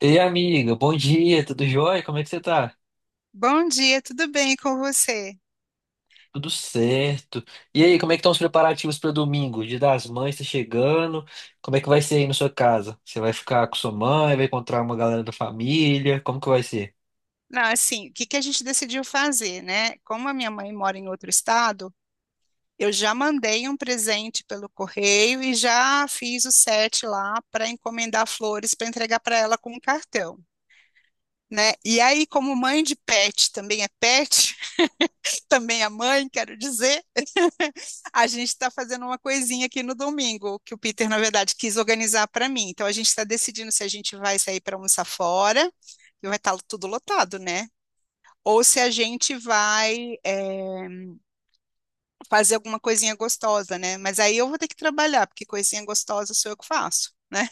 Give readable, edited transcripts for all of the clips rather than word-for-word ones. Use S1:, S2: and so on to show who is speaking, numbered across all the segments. S1: Ei, amiga, bom dia, tudo jóia? Como é que você tá?
S2: Bom dia, tudo bem com você?
S1: Tudo certo. E aí, como é que estão os preparativos para domingo? Dia das Mães tá chegando. Como é que vai ser aí na sua casa? Você vai ficar com sua mãe, vai encontrar uma galera da família? Como que vai ser?
S2: Não, assim, o que que a gente decidiu fazer, né? Como a minha mãe mora em outro estado, eu já mandei um presente pelo correio e já fiz o set lá para encomendar flores para entregar para ela com um cartão, né? E aí, como mãe de pet, também é pet, também é mãe, quero dizer. A gente está fazendo uma coisinha aqui no domingo, que o Peter, na verdade, quis organizar para mim. Então, a gente está decidindo se a gente vai sair para almoçar fora, e vai estar tudo lotado, né? Ou se a gente vai, fazer alguma coisinha gostosa, né? Mas aí eu vou ter que trabalhar, porque coisinha gostosa sou eu que faço. Né?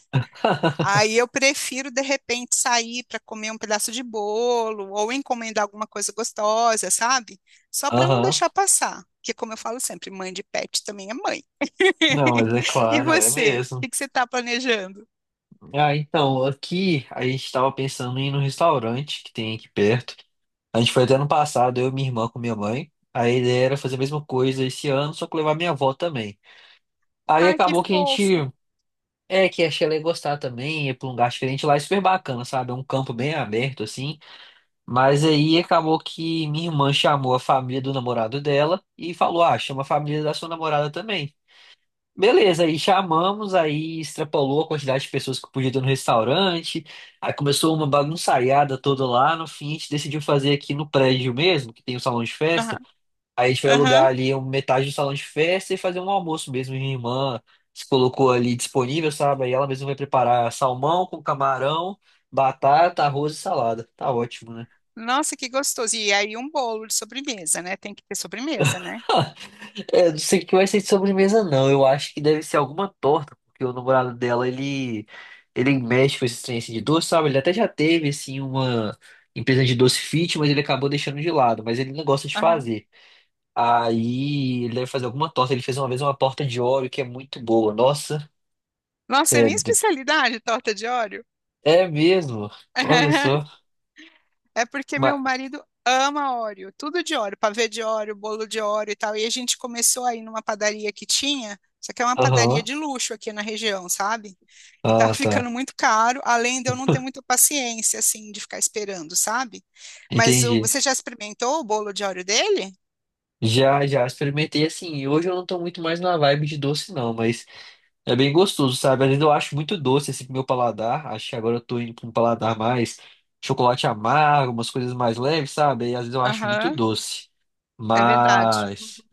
S2: Aí eu prefiro de repente sair para comer um pedaço de bolo ou encomendar alguma coisa gostosa, sabe? Só para não
S1: Aham.
S2: deixar passar, porque como eu falo sempre, mãe de pet também é mãe.
S1: Não, mas é
S2: E
S1: claro, é
S2: você? O
S1: mesmo.
S2: que que você está planejando?
S1: Ah, então, aqui a gente tava pensando em ir no restaurante que tem aqui perto. A gente foi até ano passado, eu e minha irmã com minha mãe. A ideia era fazer a mesma coisa esse ano, só que levar minha avó também. Aí
S2: Ai, que
S1: acabou que a gente...
S2: fofo.
S1: É, que achei ela ia gostar também, ir pra um lugar diferente lá, é super bacana, sabe? É um campo bem aberto, assim. Mas aí acabou que minha irmã chamou a família do namorado dela e falou: "Ah, chama a família da sua namorada também." Beleza, aí chamamos, aí extrapolou a quantidade de pessoas que podia ter no restaurante, aí começou uma bagunçaiada toda lá. No fim, a gente decidiu fazer aqui no prédio mesmo, que tem o salão de festa.
S2: Aham,
S1: Aí a gente foi alugar
S2: aham.
S1: ali metade do salão de festa e fazer um almoço mesmo. Minha irmã se colocou ali disponível, sabe? Aí ela mesma vai preparar salmão com camarão, batata, arroz e salada. Tá ótimo, né?
S2: Nossa, que gostoso. E aí um bolo de sobremesa, né? Tem que ter sobremesa, né?
S1: É, eu não sei o que vai ser de sobremesa, não. Eu acho que deve ser alguma torta, porque o namorado dela, ele mexe com esse trem assim, de doce, sabe? Ele até já teve, assim, uma empresa de doce fit, mas ele acabou deixando de lado. Mas ele não gosta de
S2: Aham.
S1: fazer. Aí ele deve fazer alguma torta. Ele fez uma vez uma torta de Oreo que é muito boa. Nossa.
S2: Nossa, é minha
S1: Sério?
S2: especialidade, torta de óleo.
S1: É mesmo? Olha só.
S2: É porque
S1: Mas...
S2: meu marido ama Oreo, tudo de Oreo, pavê de Oreo, bolo de Oreo e tal. E a gente começou aí numa padaria que tinha, só que é uma padaria
S1: Aham.
S2: de luxo aqui na região, sabe? E tá
S1: Ah,
S2: ficando
S1: tá.
S2: muito caro, além de eu não ter muita paciência, assim, de ficar esperando, sabe? Mas
S1: Entendi.
S2: você já experimentou o bolo de Oreo dele?
S1: Já, já experimentei assim. E hoje eu não tô muito mais na vibe de doce, não, mas é bem gostoso, sabe? Às vezes eu acho muito doce assim pro meu paladar. Acho que agora eu tô indo pra um paladar mais chocolate amargo, umas coisas mais leves, sabe? E às vezes eu acho muito
S2: Aham,
S1: doce.
S2: é verdade.
S1: Mas...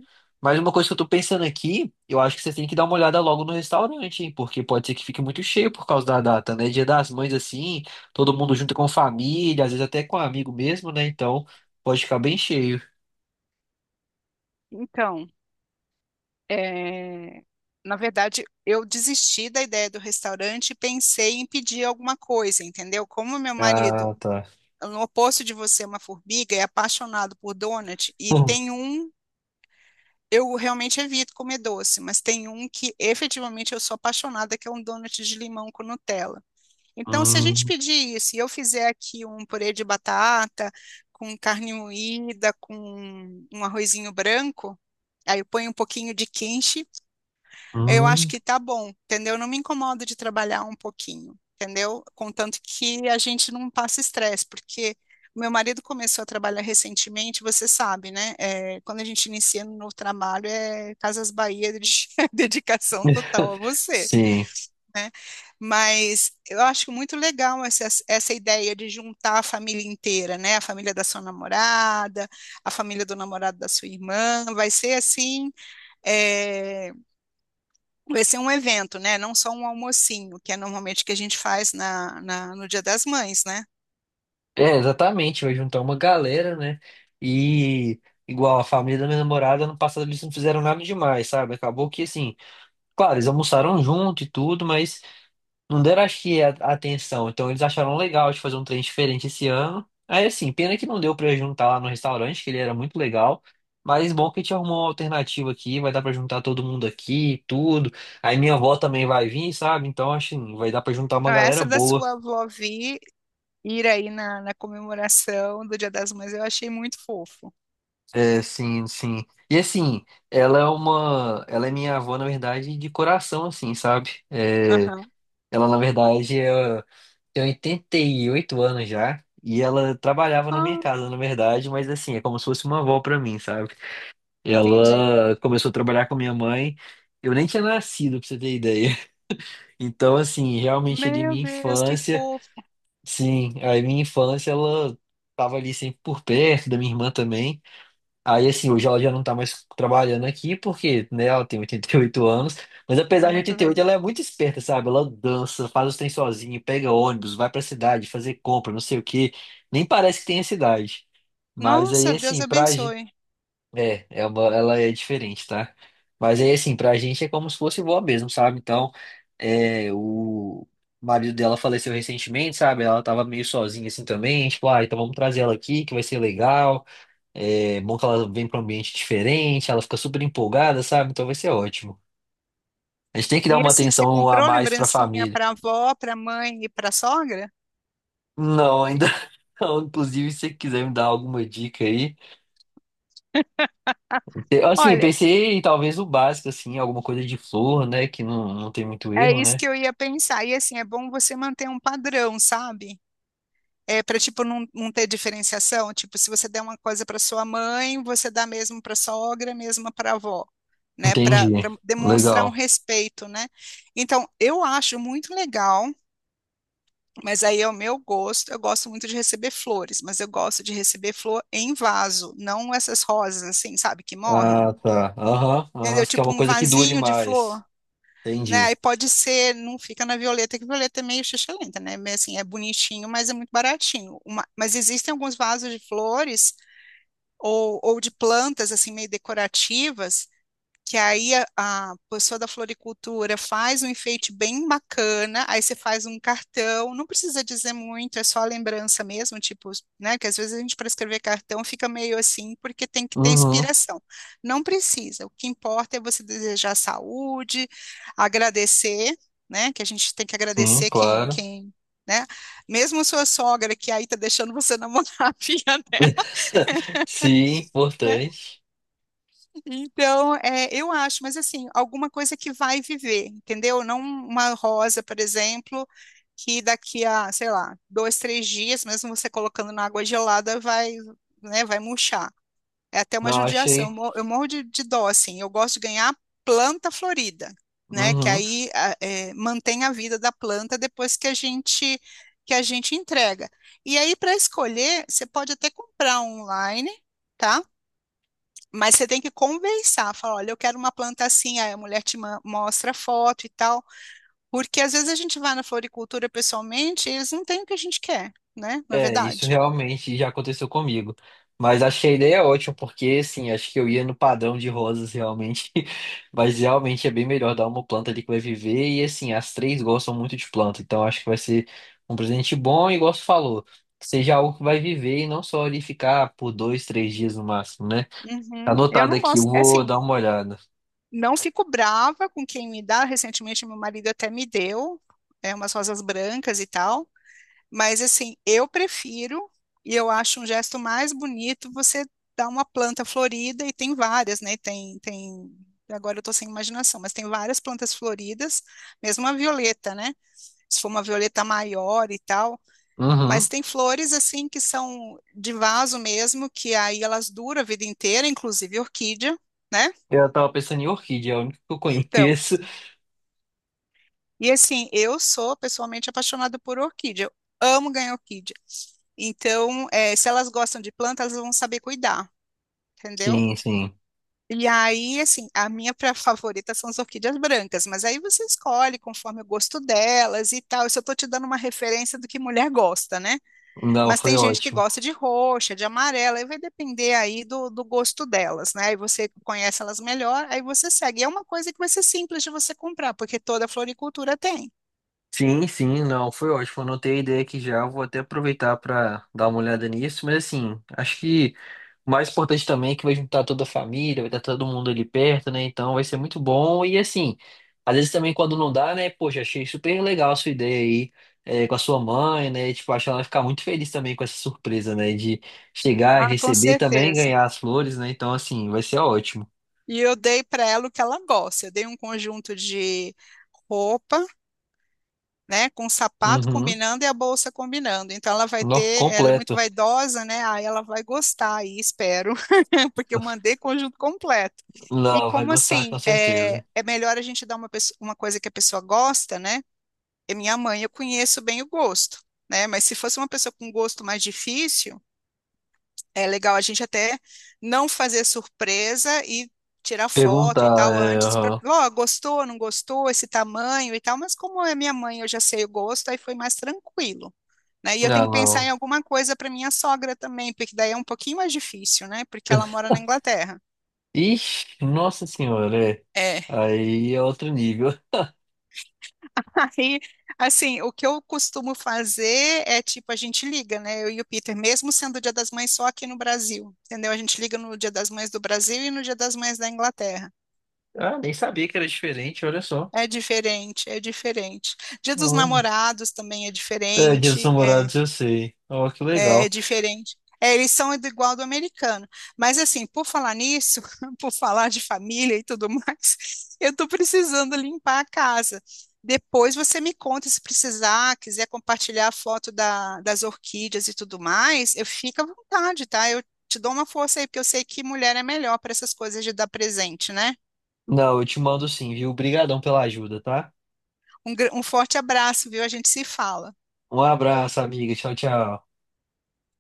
S1: Mas uma coisa que eu tô pensando aqui, eu acho que você tem que dar uma olhada logo no restaurante, hein? Porque pode ser que fique muito cheio por causa da data, né? Dia das Mães, assim, todo mundo junto com família, às vezes até com um amigo mesmo, né? Então pode ficar bem cheio.
S2: Então, é, na verdade, eu desisti da ideia do restaurante e pensei em pedir alguma coisa, entendeu? Como meu marido
S1: Ah, tá.
S2: no oposto de você, é uma formiga, é apaixonado por donut e
S1: Hum,
S2: tem um. Eu realmente evito comer doce, mas tem um que efetivamente eu sou apaixonada, que é um donut de limão com Nutella. Então, se a gente
S1: hum.
S2: pedir isso e eu fizer aqui um purê de batata com carne moída, com um arrozinho branco, aí eu ponho um pouquinho de quenche, eu acho
S1: Hum.
S2: que tá bom, entendeu? Não me incomodo de trabalhar um pouquinho, entendeu? Contanto que a gente não passa estresse, porque o meu marido começou a trabalhar recentemente, você sabe, né? É, quando a gente inicia no novo trabalho, é Casas Bahia, de dedicação total a você.
S1: Sim,
S2: Mas eu acho muito legal essa ideia de juntar a família inteira, né? A família da sua namorada, a família do namorado da sua irmã, vai ser assim. é, Vai ser um evento, né? Não só um almocinho, que é normalmente que a gente faz no Dia das Mães, né?
S1: é exatamente. Vai juntar uma galera, né? E igual a família da minha namorada, ano passado eles não fizeram nada demais, sabe? Acabou que assim, claro, eles almoçaram junto e tudo, mas não deram, acho que, a atenção. Então eles acharam legal de fazer um trem diferente esse ano. Aí assim, pena que não deu pra juntar lá no restaurante, que ele era muito legal. Mas bom que a gente arrumou uma alternativa aqui, vai dar pra juntar todo mundo aqui, tudo. Aí minha avó também vai vir, sabe? Então acho que vai dar pra juntar uma
S2: Não,
S1: galera
S2: essa da
S1: boa.
S2: sua avó Vi ir aí na comemoração do Dia das Mães, eu achei muito fofo.
S1: É, sim, sim. E assim, ela é minha avó, na verdade, de coração, assim, sabe? É,
S2: Aham.
S1: ela, na verdade, tem 88 anos já e ela trabalhava na minha
S2: Ah,
S1: casa, na verdade, mas assim, é como se fosse uma avó pra mim, sabe?
S2: entendi.
S1: Ela começou a trabalhar com minha mãe, eu nem tinha nascido, pra você ter ideia. Então, assim, realmente ali minha
S2: Meu Deus, que
S1: infância,
S2: fofo.
S1: sim, a minha infância ela tava ali sempre por perto da minha irmã também. Aí, assim, hoje ela já não tá mais trabalhando aqui, porque, né, ela tem 88 anos, mas
S2: É
S1: apesar de
S2: muito
S1: 88,
S2: velhinho.
S1: ela é muito esperta, sabe? Ela dança, faz os trem sozinha, pega ônibus, vai pra cidade fazer compra, não sei o quê. Nem parece que tem a cidade. Mas aí,
S2: Nossa, Deus
S1: assim, pra gente...
S2: abençoe.
S1: Ela é diferente, tá? Mas aí, assim, pra gente é como se fosse vó mesmo, sabe? Então, é, o marido dela faleceu recentemente, sabe? Ela tava meio sozinha, assim, também. Tipo, ah, então vamos trazer ela aqui, que vai ser legal. É bom que ela vem para um ambiente diferente, ela fica super empolgada, sabe? Então vai ser ótimo. A gente tem que dar
S2: E
S1: uma
S2: assim, você
S1: atenção a
S2: comprou
S1: mais para a
S2: lembrancinha
S1: família.
S2: para avó, para mãe e para sogra?
S1: Não, ainda não. Inclusive, se você quiser me dar alguma dica aí. Assim, eu
S2: Olha,
S1: pensei em talvez o básico, assim, alguma coisa de flor, né? Que não tem muito
S2: é
S1: erro,
S2: isso
S1: né?
S2: que eu ia pensar. E assim, é bom você manter um padrão, sabe? É para tipo não ter diferenciação, tipo, se você der uma coisa para sua mãe, você dá mesmo para sogra, mesmo para avó, né? Para
S1: Entendi.
S2: demonstrar um
S1: Legal.
S2: respeito, né? Então, eu acho muito legal, mas aí é o meu gosto. Eu gosto muito de receber flores, mas eu gosto de receber flor em vaso, não essas rosas assim, sabe, que morrem.
S1: Ah, tá. Aham, aham.
S2: Entendeu?
S1: Você quer
S2: Tipo
S1: uma
S2: um
S1: coisa que dure
S2: vasinho de
S1: mais.
S2: flor, né? Aí
S1: Entendi.
S2: pode ser, não fica na Violeta, que Violeta é meio xixa, né? Mas, assim, é bonitinho, mas é muito baratinho. Mas existem alguns vasos de flores ou de plantas, assim, meio decorativas, que aí a pessoa da floricultura faz um enfeite bem bacana, aí você faz um cartão, não precisa dizer muito, é só a lembrança mesmo, tipo, né, que às vezes a gente para escrever cartão fica meio assim, porque tem que ter
S1: Uhum,
S2: inspiração. Não precisa, o que importa é você desejar saúde, agradecer, né, que a gente tem que
S1: sim,
S2: agradecer
S1: claro.
S2: né, mesmo sua sogra que aí tá deixando você namorar a filha dela,
S1: Sim,
S2: né.
S1: importante.
S2: Então, é, eu acho, mas assim, alguma coisa que vai viver, entendeu? Não uma rosa, por exemplo, que daqui a, sei lá, dois, três dias, mesmo você colocando na água gelada, vai, né, vai murchar. É até uma
S1: Não,
S2: judiação.
S1: achei.
S2: Eu morro de dó, assim. Eu gosto de ganhar planta florida, né? Que
S1: Uhum.
S2: aí mantém a vida da planta depois que a gente entrega. E aí, para escolher, você pode até comprar online, tá? Mas você tem que conversar, falar, olha, eu quero uma planta assim, aí a mulher mostra a foto e tal, porque às vezes a gente vai na floricultura pessoalmente e eles não têm o que a gente quer, né? Não é
S1: É, isso
S2: verdade?
S1: realmente já aconteceu comigo. Mas achei a ideia é ótima, porque assim, acho que eu ia no padrão de rosas realmente. Mas realmente é bem melhor dar uma planta ali que vai viver. E assim, as três gostam muito de planta. Então acho que vai ser um presente bom, e igual você falou, que seja algo que vai viver e não só ali ficar por 2, 3 dias no máximo, né? Tá
S2: Uhum. Eu
S1: anotado
S2: não
S1: aqui, eu
S2: gosto, é
S1: vou
S2: assim,
S1: dar uma olhada.
S2: não fico brava com quem me dá. Recentemente, meu marido até me deu, é, umas rosas brancas e tal. Mas, assim, eu prefiro e eu acho um gesto mais bonito você dar uma planta florida, e tem várias, né? Tem, tem. Agora eu tô sem imaginação, mas tem várias plantas floridas, mesmo a violeta, né? Se for uma violeta maior e tal. Mas
S1: Uhum.
S2: tem flores, assim, que são de vaso mesmo, que aí elas duram a vida inteira, inclusive orquídea, né?
S1: Eu tava pensando em orquídea, é a única que eu
S2: Então.
S1: conheço.
S2: E assim, eu sou pessoalmente apaixonada por orquídea. Eu amo ganhar orquídea. Então, se elas gostam de plantas, elas vão saber cuidar, entendeu?
S1: Sim, sim.
S2: E aí, assim, a minha favorita são as orquídeas brancas, mas aí você escolhe conforme o gosto delas e tal. Isso eu tô te dando uma referência do que mulher gosta, né?
S1: Não,
S2: Mas
S1: foi
S2: tem gente que
S1: ótimo.
S2: gosta de roxa, de amarela, e vai depender aí do gosto delas, né? Aí você conhece elas melhor, aí você segue. E é uma coisa que vai ser simples de você comprar, porque toda floricultura tem.
S1: Sim, sim, não, foi ótimo. Anotei a ideia aqui já, vou até aproveitar para dar uma olhada nisso, mas assim, acho que o mais importante também é que vai juntar toda a família, vai estar todo mundo ali perto, né? Então vai ser muito bom. E assim, às vezes também quando não dá, né? Poxa, achei super legal a sua ideia aí, é, com a sua mãe, né? Tipo, acho que ela vai ficar muito feliz também com essa surpresa, né? De chegar e
S2: Ah, com
S1: receber também,
S2: certeza.
S1: ganhar as flores, né? Então, assim, vai ser ótimo.
S2: E eu dei para ela o que ela gosta. Eu dei um conjunto de roupa, né, com sapato
S1: Uhum.
S2: combinando e a bolsa combinando. Então ela vai
S1: No,
S2: ter, ela é muito
S1: completo.
S2: vaidosa, né? Aí ela vai gostar aí, espero, porque eu mandei conjunto completo. E
S1: Não, vai
S2: como
S1: gostar com
S2: assim,
S1: certeza.
S2: é melhor a gente dar uma, uma coisa que a pessoa gosta, né? E minha mãe, eu conheço bem o gosto, né? Mas se fosse uma pessoa com gosto mais difícil é legal a gente até não fazer surpresa e tirar foto e
S1: Perguntar,
S2: tal
S1: é,
S2: antes para,
S1: aham.
S2: ó, gostou, não gostou, esse tamanho e tal, mas como é minha mãe, eu já sei o gosto, aí foi mais tranquilo, né? E eu
S1: Ah,
S2: tenho que pensar em
S1: não.
S2: alguma coisa para minha sogra também, porque daí é um pouquinho mais difícil, né? Porque ela mora na Inglaterra.
S1: Ixi, nossa senhora, é.
S2: É.
S1: Aí é outro nível.
S2: Aí, assim, o que eu costumo fazer é tipo, a gente liga, né? Eu e o Peter, mesmo sendo o Dia das Mães só aqui no Brasil, entendeu? A gente liga no Dia das Mães do Brasil e no Dia das Mães da Inglaterra.
S1: Ah, nem sabia que era diferente, olha só.
S2: É diferente, é diferente. Dia dos
S1: Olha.
S2: Namorados também é
S1: É, Dia dos
S2: diferente,
S1: Namorados, eu sei. Ó, que
S2: é
S1: legal.
S2: diferente. É, eles são igual do americano. Mas assim, por falar nisso, por falar de família e tudo mais, eu tô precisando limpar a casa. Depois você me conta se precisar, quiser compartilhar a foto das orquídeas e tudo mais, eu fico à vontade, tá? Eu te dou uma força aí, porque eu sei que mulher é melhor para essas coisas de dar presente, né?
S1: Não, eu te mando sim, viu? Obrigadão pela ajuda, tá?
S2: Um forte abraço, viu? A gente se fala.
S1: Um abraço, amiga. Tchau, tchau.